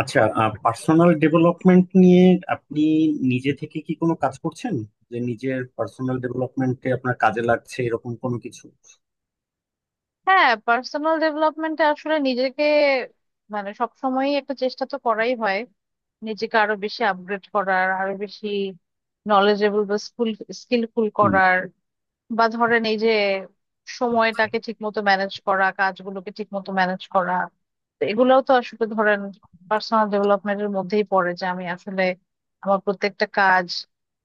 আচ্ছা, personal development নিয়ে আপনি নিজে থেকে কি কোনো কাজ করছেন যে নিজের পার্সোনাল ডেভেলপমেন্টে আপনার কাজে লাগছে এরকম কোনো কিছু? হ্যাঁ, পার্সোনাল ডেভেলপমেন্টে আসলে নিজেকে মানে সব সময়ই একটা চেষ্টা তো করাই হয়, নিজেকে আরো বেশি আপগ্রেড করার, আরো বেশি নলেজেবল বা স্কিলফুল হুম, করার। বা ধরেন এই যে আচ্ছা। সময়টাকে ঠিক মতো ম্যানেজ করা, কাজগুলোকে ঠিক মতো ম্যানেজ করা। তো এগুলোও তো আসলে ধরেন পার্সোনাল ডেভেলপমেন্টের মধ্যেই পড়ে, যে আমি আসলে আমার প্রত্যেকটা কাজ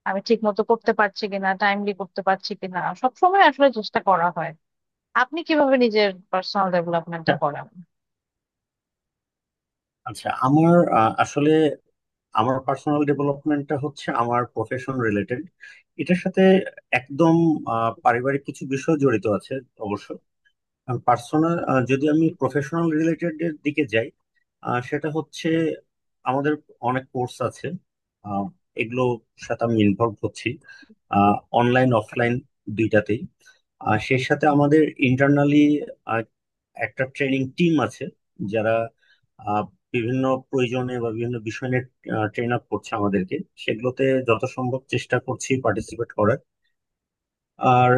আমি ঠিক মতো করতে পারছি কিনা, টাইমলি করতে পারছি কিনা, সব সময় আসলে চেষ্টা করা হয়। আপনি কিভাবে নিজের পার্সোনাল ডেভেলপমেন্টটা করেন? আচ্ছা, আমার আসলে আমার পার্সোনাল ডেভেলপমেন্টটা হচ্ছে আমার প্রফেশন রিলেটেড। এটার সাথে একদম পারিবারিক কিছু বিষয় জড়িত আছে অবশ্য। পার্সোনাল, যদি আমি প্রফেশনাল রিলেটেড এর দিকে যাই, আর সেটা হচ্ছে আমাদের অনেক কোর্স আছে, আহ, এগুলোর সাথে আমি ইনভলভ হচ্ছি অনলাইন অফলাইন দুইটাতেই। আর সেই সাথে আমাদের ইন্টারনালি একটা ট্রেনিং টিম আছে, যারা আহ, বিভিন্ন প্রয়োজনে বা বিভিন্ন বিষয় নিয়ে ট্রেন আপ করছে আমাদেরকে। সেগুলোতে যত সম্ভব চেষ্টা করছি পার্টিসিপেট করার। আর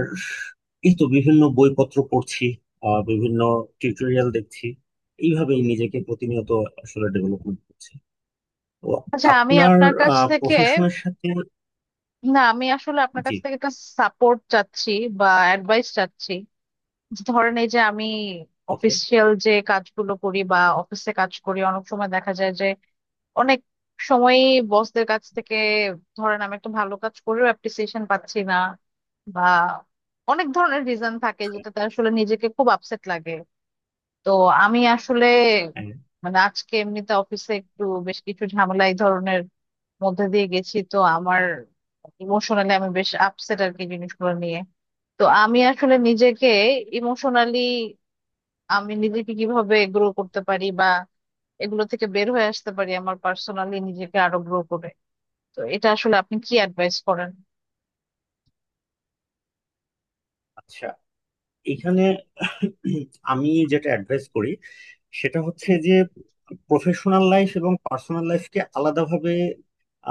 এই তো বিভিন্ন বইপত্র পড়ছি, বিভিন্ন টিউটোরিয়াল দেখছি। এইভাবেই নিজেকে প্রতিনিয়ত আসলে ডেভেলপমেন্ট করছি তো। আচ্ছা, আমি আপনার আপনার কাছ থেকে, প্রফেশনের সাথে। না আমি আসলে আপনার জি। কাছ থেকে একটা সাপোর্ট চাচ্ছি বা অ্যাডভাইস চাচ্ছি। যে ধরেন এই যে আমি ওকে। অফিসিয়াল যে কাজগুলো করি বা অফিসে কাজ করি, অনেক সময় দেখা যায় যে অনেক সময়ই বসদের কাছ থেকে, ধরেন আমি একটা ভালো কাজ করেও অ্যাপ্রিসিয়েশন পাচ্ছি না, বা অনেক ধরনের রিজন থাকে যেটাতে আসলে নিজেকে খুব আপসেট লাগে। তো আমি আসলে মানে আজকে এমনিতে অফিসে একটু বেশ কিছু ঝামেলা এই ধরনের মধ্যে দিয়ে গেছি, তো আমার ইমোশনালি আমি বেশ আপসেট আর কি জিনিসগুলো নিয়ে। তো আমি আসলে নিজেকে ইমোশনালি আমি নিজেকে কিভাবে গ্রো করতে পারি বা এগুলো থেকে বের হয়ে আসতে পারি, আমার পার্সোনালি নিজেকে আরো গ্রো করে। তো এটা আসলে আপনি কি অ্যাডভাইস করেন? আচ্ছা, এখানে আমি যেটা অ্যাডভাইস করি সেটা হচ্ছে যে প্রফেশনাল লাইফ এবং পার্সোনাল লাইফকে আলাদাভাবে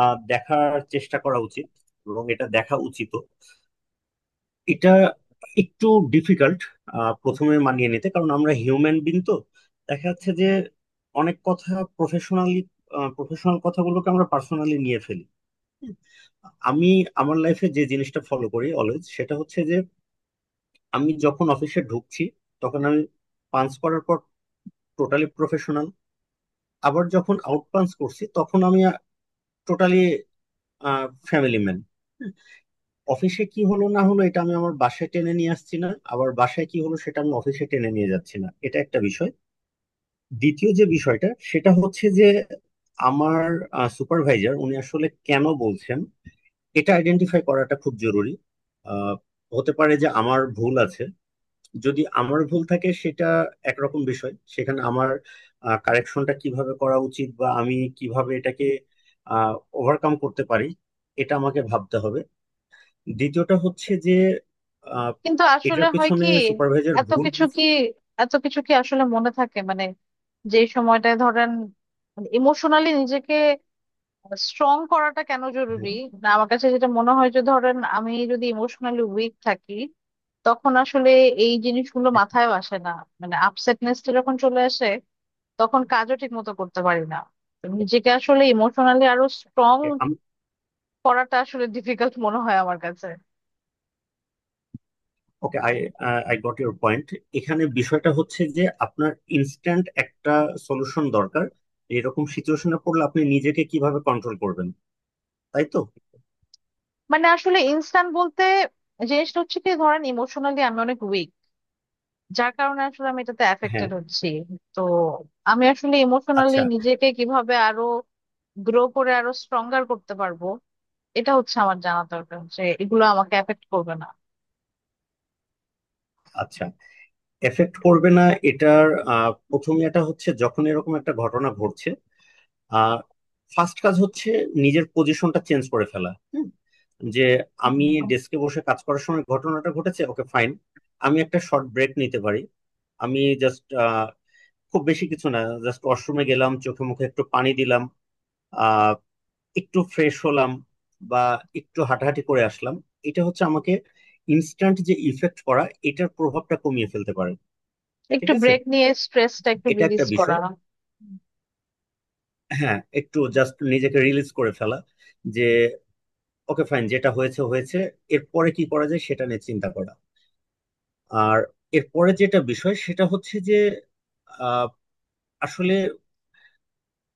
দেখার চেষ্টা করা উচিত এবং এটা দেখা উচিত। এটা একটু ডিফিকাল্ট প্রথমে মানিয়ে নিতে, কারণ আমরা হিউম্যান বিন তো। দেখা যাচ্ছে যে অনেক কথা, প্রফেশনালি প্রফেশনাল কথাগুলোকে আমরা পার্সোনালি নিয়ে ফেলি। আমি আমার লাইফে যে জিনিসটা ফলো করি অলওয়েজ সেটা হচ্ছে যে, আমি যখন অফিসে ঢুকছি তখন আমি পাঞ্চ করার পর টোটালি প্রফেশনাল। আবার যখন আউট পাঞ্চ করছি তখন আমি টোটালি ফ্যামিলি ম্যান। অফিসে কি হলো না হলো এটা আমি আমার বাসায় টেনে নিয়ে আসছি না, আবার বাসায় কি হলো সেটা আমি অফিসে টেনে নিয়ে যাচ্ছি না, এটা একটা বিষয়। দ্বিতীয় যে বিষয়টা সেটা হচ্ছে যে, আমার সুপারভাইজার উনি আসলে কেন বলছেন এটা আইডেন্টিফাই করাটা খুব জরুরি। আহ, হতে পারে যে আমার ভুল আছে। যদি আমার ভুল থাকে সেটা একরকম বিষয়, সেখানে আমার কারেকশনটা কিভাবে করা উচিত বা আমি কিভাবে এটাকে ওভারকাম করতে পারি এটা আমাকে ভাবতে হবে। দ্বিতীয়টা হচ্ছে যে আহ, কিন্তু আসলে এটার হয় পেছনে কি, সুপারভাইজার এত কিছু কি এত কিছু কি আসলে মনে থাকে? মানে যে সময়টায় ধরেন ইমোশনালি নিজেকে স্ট্রং করাটা কেন জরুরি? হ্যাঁ, না, আমার কাছে যেটা মনে হয় যে ধরেন আমি যদি ইমোশনালি উইক থাকি, তখন আসলে এই জিনিসগুলো হ্যাঁ, মাথায় আসে না। মানে আপসেটনেসটা যখন চলে আসে, তখন কাজও ঠিক মতো করতে পারি না। তো নিজেকে আসলে ইমোশনালি আরো স্ট্রং okay, আমি করাটা আসলে ডিফিকাল্ট মনে হয় আমার কাছে। Okay. I I got your point. এখানে বিষয়টা হচ্ছে যে আপনার ইনস্ট্যান্ট একটা সলিউশন দরকার, এরকম সিচুয়েশনে পড়লে আপনি নিজেকে কিভাবে কন্ট্রোল করবেন, তাই তো? মানে আসলে ইনস্ট্যান্ট বলতে জিনিসটা হচ্ছে কি, ধরেন ইমোশনালি আমি অনেক উইক, যার কারণে আসলে আমি এটাতে অ্যাফেক্টেড হ্যাঁ। হচ্ছি। তো আমি আসলে ইমোশনালি আচ্ছা। নিজেকে কিভাবে আরো গ্রো করে আরো স্ট্রঙ্গার করতে পারবো, এটা হচ্ছে আমার জানা দরকার, যে এগুলো আমাকে এফেক্ট করবে না। আচ্ছা, এফেক্ট করবে না। এটার প্রথম এটা হচ্ছে, যখন এরকম একটা ঘটনা ঘটছে, আহ ফার্স্ট কাজ হচ্ছে নিজের পজিশনটা চেঞ্জ করে ফেলা। হুম, যে আমি ডেস্কে বসে কাজ করার সময় ঘটনাটা ঘটেছে, ওকে ফাইন, আমি একটা শর্ট ব্রেক নিতে পারি। আমি জাস্ট খুব বেশি কিছু না, জাস্ট ওয়াশরুমে গেলাম, চোখে মুখে একটু পানি দিলাম, আহ একটু ফ্রেশ হলাম, বা একটু হাঁটাহাঁটি করে আসলাম। এটা হচ্ছে আমাকে ইনস্ট্যান্ট যে ইফেক্ট করা, এটার প্রভাবটা কমিয়ে ফেলতে পারে। ঠিক একটু আছে, ব্রেক নিয়ে স্ট্রেসটা একটু এটা একটা রিলিজ করা। বিষয়। হ্যাঁ, একটু জাস্ট নিজেকে রিলিজ করে ফেলা। যে ওকে ফাইন, যেটা হয়েছে হয়েছে, এরপরে কি করা যায় সেটা নিয়ে চিন্তা করা। আর এরপরে যেটা বিষয় সেটা হচ্ছে যে আহ, আসলে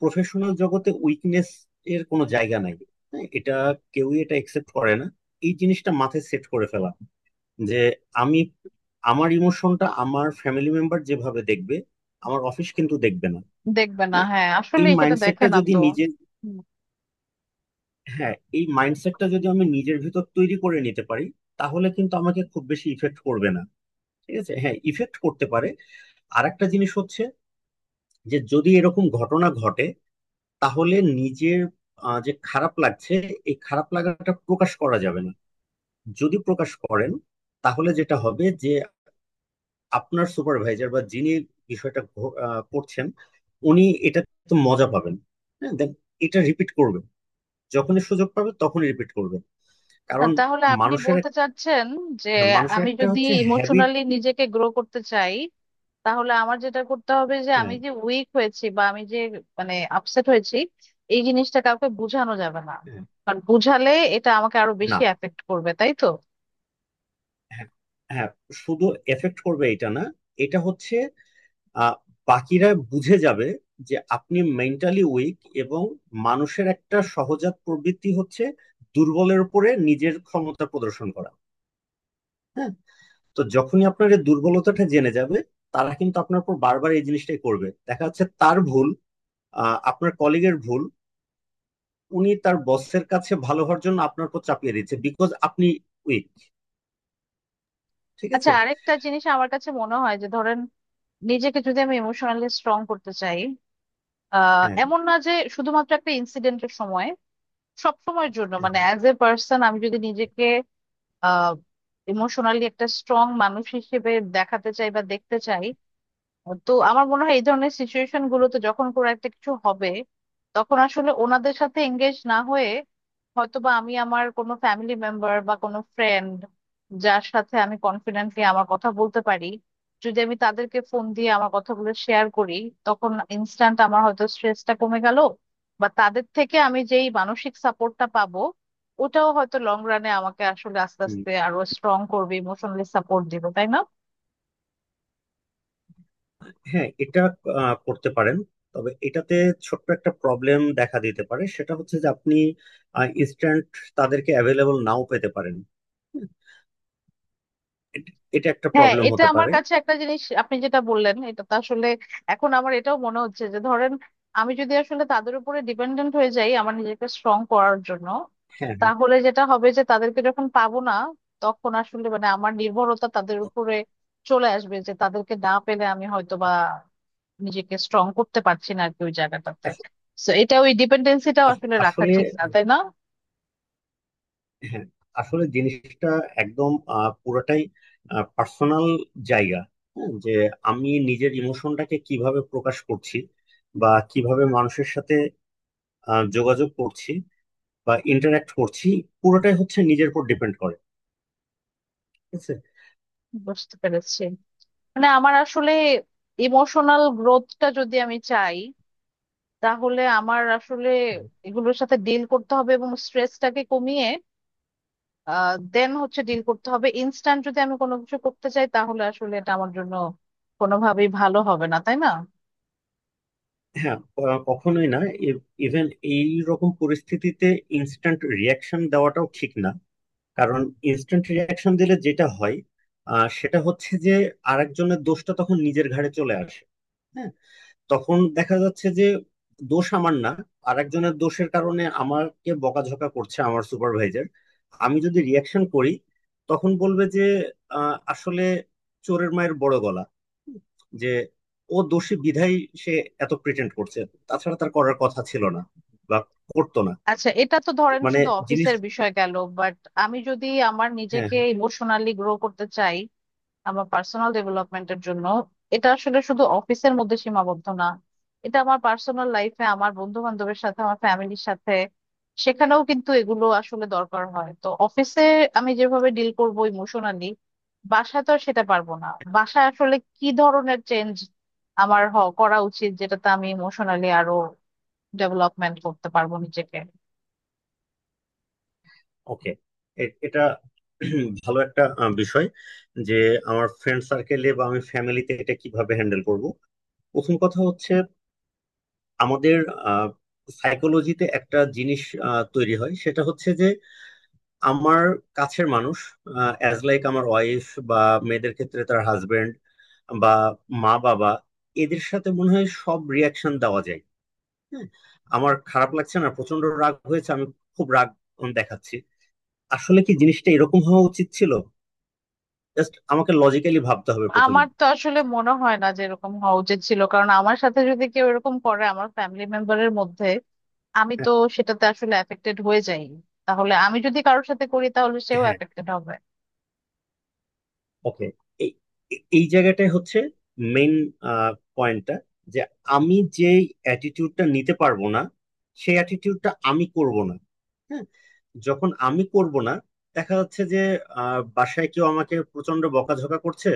প্রফেশনাল জগতে উইকনেস এর কোনো জায়গা নাই। হ্যাঁ, এটা কেউই এটা একসেপ্ট করে না। এই জিনিসটা মাথায় সেট করে ফেলা যে, আমি আমার ইমোশনটা আমার ফ্যামিলি মেম্বার যেভাবে দেখবে, আমার অফিস কিন্তু দেখবে না। দেখবে না, হ্যাঁ, হ্যাঁ এই আসলে সেটা দেখে মাইন্ডসেটটা না যদি তো। নিজের, হুম। হ্যাঁ এই মাইন্ডসেটটা যদি আমি নিজের ভিতর তৈরি করে নিতে পারি তাহলে কিন্তু আমাকে খুব বেশি ইফেক্ট করবে না। ঠিক আছে, হ্যাঁ ইফেক্ট করতে পারে। আর একটা জিনিস হচ্ছে যে, যদি এরকম ঘটনা ঘটে তাহলে নিজের যে খারাপ লাগছে, এই খারাপ লাগাটা প্রকাশ করা যাবে না। যদি প্রকাশ করেন তাহলে যেটা হবে যে, আপনার সুপারভাইজার বা যিনি বিষয়টা করছেন, উনি এটা তো মজা পাবেন। হ্যাঁ দেন এটা রিপিট করবেন, যখনই সুযোগ পাবে তখনই রিপিট করবেন। না, কারণ তাহলে আপনি মানুষের বলতে এক- চাচ্ছেন যে হ্যাঁ, মানুষের আমি একটা যদি হচ্ছে হ্যাবিট। ইমোশনালি নিজেকে গ্রো করতে চাই, তাহলে আমার যেটা করতে হবে যে আমি হ্যাঁ, যে উইক হয়েছি বা আমি যে মানে আপসেট হয়েছি, এই জিনিসটা কাউকে বোঝানো যাবে না, হ্যাঁ, কারণ বোঝালে এটা আমাকে আরো না, বেশি এফেক্ট করবে, তাই তো? হ্যাঁ, হ্যাঁ। শুধু এফেক্ট করবে এটা না, এটা হচ্ছে আহ, বাকিরা বুঝে যাবে যে আপনি মেন্টালি উইক। এবং মানুষের একটা সহজাত প্রবৃত্তি হচ্ছে দুর্বলের উপরে নিজের ক্ষমতা প্রদর্শন করা। হ্যাঁ। তো যখনই আপনার এই দুর্বলতাটা জেনে যাবে, তারা কিন্তু আপনার উপর বারবার এই জিনিসটাই করবে। দেখা যাচ্ছে তার ভুল, আপনার কলিগের ভুল, উনি তার বসের কাছে ভালো হওয়ার জন্য আপনার উপর চাপিয়ে দিচ্ছে বিকজ আপনি উইক। ঠিক আচ্ছা, আছে। আরেকটা জিনিস আমার কাছে মনে হয় যে ধরেন নিজেকে যদি আমি ইমোশনালি স্ট্রং করতে চাই, হ্যাঁ। এমন না যে শুধুমাত্র একটা ইনসিডেন্টের সময়, সব সময়ের জন্য মানে হ্যাঁ, অ্যাজ এ পার্সন আমি যদি নিজেকে আহ ইমোশনালি একটা স্ট্রং মানুষ হিসেবে দেখাতে চাই বা দেখতে চাই। তো আমার মনে হয় এই ধরনের সিচুয়েশন গুলোতে যখন কোনো একটা কিছু হবে, তখন আসলে ওনাদের সাথে এঙ্গেজ না হয়ে হয়তোবা আমি আমার কোনো ফ্যামিলি মেম্বার বা কোনো ফ্রেন্ড যার সাথে আমি কনফিডেন্টলি আমার কথা বলতে পারি, যদি আমি তাদেরকে ফোন দিয়ে আমার কথাগুলো শেয়ার করি, তখন ইনস্ট্যান্ট আমার হয়তো স্ট্রেসটা কমে গেল। বা তাদের থেকে আমি যেই মানসিক সাপোর্টটা পাবো, ওটাও হয়তো লং রানে আমাকে আসলে আস্তে হুম। আস্তে আরো স্ট্রং করবে, ইমোশনালি সাপোর্ট দিবে, তাই না? হ্যাঁ এটা করতে পারেন, তবে এটাতে ছোট্ট একটা প্রবলেম দেখা দিতে পারে সেটা হচ্ছে যে, আপনি ইনস্ট্যান্ট তাদেরকে অ্যাভেলেবল নাও পেতে পারেন। এটা একটা হ্যাঁ, প্রবলেম এটা হতে আমার পারে। কাছে একটা জিনিস, আপনি যেটা বললেন এটা তো আসলে এখন আমার এটাও মনে হচ্ছে যে ধরেন আমি যদি আসলে তাদের উপরে ডিপেন্ডেন্ট হয়ে যাই আমার নিজেকে স্ট্রং করার জন্য, হ্যাঁ, হ্যাঁ। তাহলে যেটা হবে যে তাদেরকে যখন পাবো না, তখন আসলে মানে আমার নির্ভরতা তাদের উপরে চলে আসবে, যে তাদেরকে না পেলে আমি হয়তো বা নিজেকে স্ট্রং করতে পারছি না আর কি ওই জায়গাটাতে। আস- তো এটা ওই ডিপেন্ডেন্সিটাও আস- আসলে রাখা আসলে ঠিক না, তাই না? হ্যাঁ, আসলে জিনিসটা একদম পুরোটাই পার্সোনাল জায়গা। হ্যাঁ, যে আমি নিজের ইমোশনটাকে কিভাবে প্রকাশ করছি বা কিভাবে মানুষের সাথে যোগাযোগ করছি বা ইন্টারাক্ট করছি, পুরোটাই হচ্ছে নিজের উপর ডিপেন্ড করে। বুঝতে পেরেছি। মানে আমার আসলে ইমোশনাল গ্রোথটা যদি আমি চাই, তাহলে আমার আসলে এগুলোর সাথে ডিল করতে হবে এবং স্ট্রেসটাকে কমিয়ে দেন হচ্ছে ডিল করতে হবে। ইনস্ট্যান্ট যদি আমি কোনো কিছু করতে চাই তাহলে আসলে এটা আমার জন্য কোনোভাবেই ভালো হবে না, তাই না? হ্যাঁ, কখনোই না। ইভেন এই রকম পরিস্থিতিতে ইনস্ট্যান্ট রিয়াকশন দেওয়াটাও ঠিক না। কারণ ইনস্ট্যান্ট রিয়াকশন দিলে যেটা হয়, সেটা হচ্ছে যে আরেকজনের দোষটা তখন নিজের ঘাড়ে চলে আসে। হ্যাঁ। তখন দেখা যাচ্ছে যে, দোষ আমার না, আর একজনের দোষের কারণে আমাকে বকাঝকা করছে আমার সুপারভাইজার। আমি যদি রিয়াকশন করি তখন বলবে যে আসলে চোরের মায়ের বড় গলা, যে ও দোষী বিধায় সে এত প্রিটেন্ড করছে, তাছাড়া তার করার কথা ছিল না বা করতো না। আচ্ছা, এটা তো ধরেন মানে শুধু জিনিস। অফিসের বিষয় গেল, বাট আমি যদি আমার হ্যাঁ, নিজেকে ইমোশনালি গ্রো করতে চাই আমার পার্সোনাল ডেভেলপমেন্টের জন্য, এটা আসলে শুধু অফিসের মধ্যে সীমাবদ্ধ না। এটা আমার পার্সোনাল লাইফে, আমার বন্ধু বান্ধবের সাথে, আমার ফ্যামিলির সাথে সেখানেও কিন্তু এগুলো আসলে দরকার হয়। তো অফিসে আমি যেভাবে ডিল করব ইমোশনালি, বাসায় তো আর সেটা পারবো না। বাসায় আসলে কি ধরনের চেঞ্জ আমার হ করা উচিত যেটাতে আমি ইমোশনালি আরো ডেভেলপমেন্ট করতে পারবো নিজেকে? ওকে। এটা ভালো একটা বিষয় যে, আমার ফ্রেন্ড সার্কেলে বা আমি ফ্যামিলিতে এটা কিভাবে হ্যান্ডেল করব। প্রথম কথা হচ্ছে, আমাদের সাইকোলজিতে একটা জিনিস তৈরি হয় সেটা হচ্ছে যে, আমার কাছের মানুষ, অ্যাজ লাইক আমার ওয়াইফ, বা মেয়েদের ক্ষেত্রে তার হাজবেন্ড, বা মা বাবা, এদের সাথে মনে হয় সব রিয়াকশন দেওয়া যায়। হ্যাঁ আমার খারাপ লাগছে না প্রচন্ড রাগ হয়েছে, আমি খুব রাগ দেখাচ্ছি। আসলে কি জিনিসটা এরকম হওয়া উচিত ছিল? জাস্ট আমাকে লজিক্যালি ভাবতে হবে প্রথমে। আমার তো আসলে মনে হয় না যে এরকম হওয়া উচিত ছিল, কারণ আমার সাথে যদি কেউ এরকম করে আমার ফ্যামিলি মেম্বারের মধ্যে, আমি তো সেটাতে আসলে এফেক্টেড হয়ে যাই। তাহলে আমি যদি কারোর সাথে করি, তাহলে সেও হ্যাঁ, এফেক্টেড হবে। ওকে। এই এই এই জায়গাটাই হচ্ছে মেইন পয়েন্টটা। যে আমি যে অ্যাটিটিউডটা নিতে পারবো না, সেই অ্যাটিটিউডটা আমি করব না। হ্যাঁ। যখন আমি করব না, দেখা যাচ্ছে যে বাসায় কেউ আমাকে প্রচন্ড বকাঝকা করছে,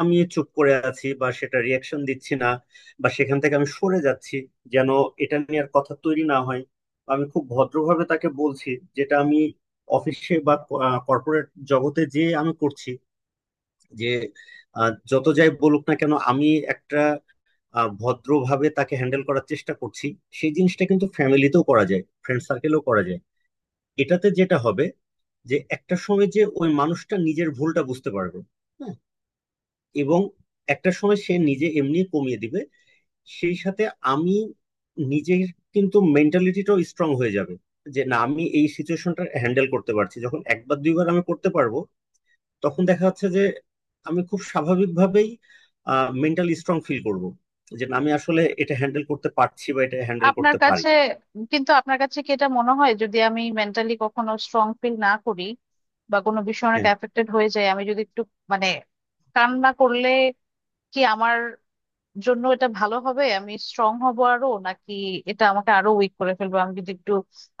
আমি চুপ করে আছি বা সেটা রিয়াকশন দিচ্ছি না, বা সেখান থেকে আমি সরে যাচ্ছি যেন এটা নিয়ে আর কথা তৈরি না হয়। বা আমি খুব ভদ্রভাবে তাকে বলছি, যেটা আমি অফিসে বা কর্পোরেট জগতে যে আমি করছি, যে যত যাই বলুক না কেন আমি একটা ভদ্রভাবে তাকে হ্যান্ডেল করার চেষ্টা করছি। সেই জিনিসটা কিন্তু ফ্যামিলিতেও করা যায়, ফ্রেন্ড সার্কেলেও করা যায়। এটাতে যেটা হবে যে, একটা সময় যে ওই মানুষটা নিজের ভুলটা বুঝতে পারবে। হ্যাঁ। এবং একটা সময় সে নিজে এমনি কমিয়ে দিবে। সেই সাথে আমি নিজের কিন্তু মেন্টালিটিটাও স্ট্রং হয়ে যাবে। যে না আমি এই সিচুয়েশনটা হ্যান্ডেল করতে পারছি, যখন একবার দুইবার আমি করতে পারবো, তখন দেখা যাচ্ছে যে আমি খুব স্বাভাবিকভাবেই মেন্টালি স্ট্রং ফিল করব। যে না, আমি আসলে এটা হ্যান্ডেল করতে পারছি বা এটা হ্যান্ডেল আপনার করতে পারি। কাছে, কিন্তু আপনার কাছে কি এটা মনে হয় যদি আমি মেন্টালি কখনো স্ট্রং ফিল না করি বা কোনো বিষয়ে অনেক হ্যাঁ, এফেক্টেড হয়ে যায়, আমি যদি একটু মানে কান্না করলে কি আমার জন্য এটা ভালো হবে, আমি স্ট্রং হব আরো, নাকি এটা আমাকে আরো উইক করে ফেলবে? আমি যদি একটু,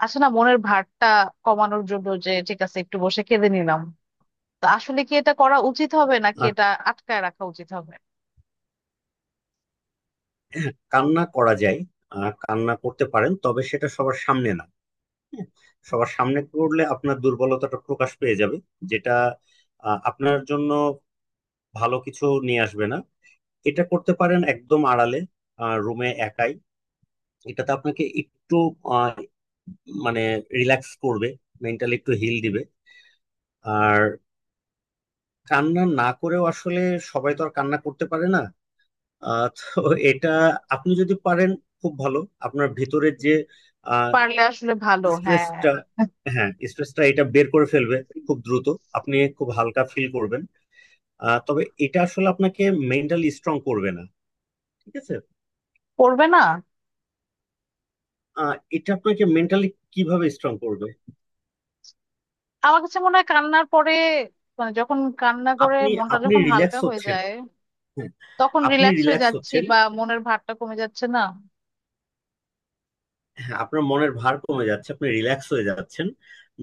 আছে না, মনের ভারটা কমানোর জন্য যে ঠিক আছে একটু বসে কেঁদে নিলাম, তো আসলে কি এটা করা উচিত হবে, নাকি আহ, এটা আটকায় রাখা উচিত হবে? কান্না করা যায়, কান্না করতে পারেন, তবে সেটা সবার সামনে না। হ্যাঁ, সবার সামনে করলে আপনার দুর্বলতাটা প্রকাশ পেয়ে যাবে, যেটা আপনার জন্য ভালো কিছু নিয়ে আসবে না। এটা করতে পারেন একদম আড়ালে, রুমে একাই। এটাতে আপনাকে একটু আহ, মানে রিল্যাক্স করবে, মেন্টালি একটু হিল দিবে। আর কান্না না করেও আসলে, সবাই তো আর কান্না করতে পারে না, তো এটা আপনি যদি পারেন খুব ভালো। আপনার ভিতরের যে পারলে আসলে ভালো, হ্যাঁ। স্ট্রেসটা, হ্যাঁ স্ট্রেসটা এটা বের করে ফেলবে খুব দ্রুত, আপনি খুব হালকা ফিল করবেন। তবে এটা আসলে আপনাকে মেন্টালি স্ট্রং করবে না। ঠিক আছে, করবে না। এটা আপনাকে মেন্টালি কিভাবে স্ট্রং করবে? আমার কাছে মনে হয় কান্নার পরে মানে যখন কান্না করে আপনি, মনটা আপনি যখন হালকা রিল্যাক্স হয়ে হচ্ছেন। যায়, হ্যাঁ, তখন আপনি রিল্যাক্স হয়ে রিল্যাক্স যাচ্ছি হচ্ছেন। বা মনের ভারটা কমে যাচ্ছে না? হ্যাঁ আপনার মনের ভার কমে যাচ্ছে, আপনি রিল্যাক্স হয়ে যাচ্ছেন।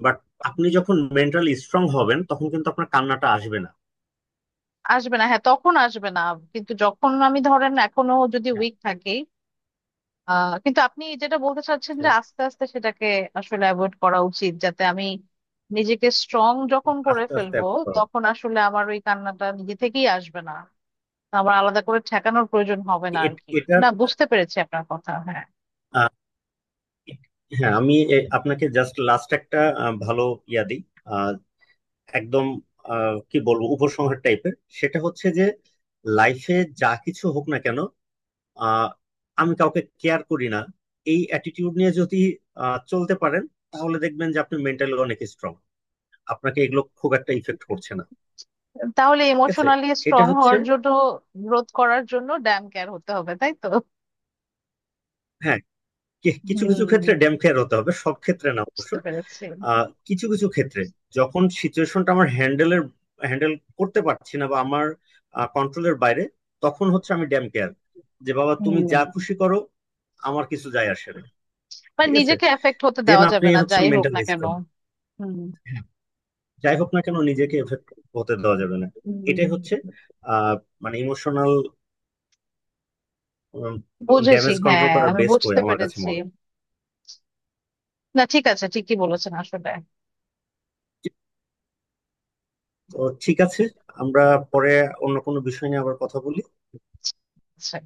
বাট আপনি যখন মেন্টালি স্ট্রং হবেন তখন কিন্তু আপনার কান্নাটা আসবে না। আসবে না, হ্যাঁ তখন আসবে না। কিন্তু যখন আমি ধরেন এখনো যদি হ্যাঁ, উইক থাকি, কিন্তু আপনি যেটা বলতে চাচ্ছেন যে হ্যাঁ, আস্তে আস্তে সেটাকে আসলে অ্যাভয়েড করা উচিত, যাতে আমি নিজেকে স্ট্রং যখন করে আস্তে আস্তে ফেলবো, করো। তখন আসলে আমার ওই কান্নাটা নিজে থেকেই আসবে না, আমার আলাদা করে ঠেকানোর প্রয়োজন হবে না আর এ- কি। এটার না, বুঝতে পেরেছি আপনার কথা, হ্যাঁ। আহ, হ্যাঁ, আমি আপনাকে জাস্ট লাস্ট একটা ভালো ইয়া দিই। আহ, একদম কি বলবো উপসংহার টাইপের। সেটা হচ্ছে যে, লাইফে যা কিছু হোক না কেন, আহ, আমি কাউকে কেয়ার করি না, এই অ্যাটিটিউড নিয়ে যদি চলতে পারেন, তাহলে দেখবেন যে আপনি মেন্টালি অনেক স্ট্রং, আপনাকে এগুলো খুব একটা ইফেক্ট করছে না। তাহলে ঠিক আছে, ইমোশনালি এটা স্ট্রং হচ্ছে। হওয়ার জন্য, গ্রোথ করার জন্য ড্যাম কেয়ার হতে হবে, তাই তো? হ্যাঁ, কিছু হুম, কিছু ক্ষেত্রে ড্যাম খেয়ার হতে হবে, সব ক্ষেত্রে না অবশ্য। বুঝতে পেরেছি। কিছু কিছু ক্ষেত্রে যখন সিচুয়েশনটা আমার হ্যান্ডেল করতে পারছি না বা আমার কন্ট্রোলের বাইরে, তখন হচ্ছে আমি ড্যাম কেয়ার। যে বাবা তুমি হুম, যা খুশি করো, আমার কিছু যায় আসে না। মানে ঠিক আছে, নিজেকে এফেক্ট হতে দেন দেওয়া আপনি যাবে না হচ্ছে যাই হোক না মেন্টালি কেন। স্ট্রং। হুম। যাই হোক না কেন নিজেকে এফেক্ট হতে দেওয়া যাবে না। হুম, এটাই হচ্ছে আহ মানে ইমোশনাল বুঝেছি, ড্যামেজ কন্ট্রোল হ্যাঁ করার আমি বেস্ট ওয়ে বুঝতে আমার কাছে পেরেছি। মনে হয়। না ঠিক আছে, ঠিকই বলেছেন আসলে। তো ঠিক আছে, আমরা পরে অন্য কোনো বিষয় নিয়ে আবার কথা বলি। আচ্ছা।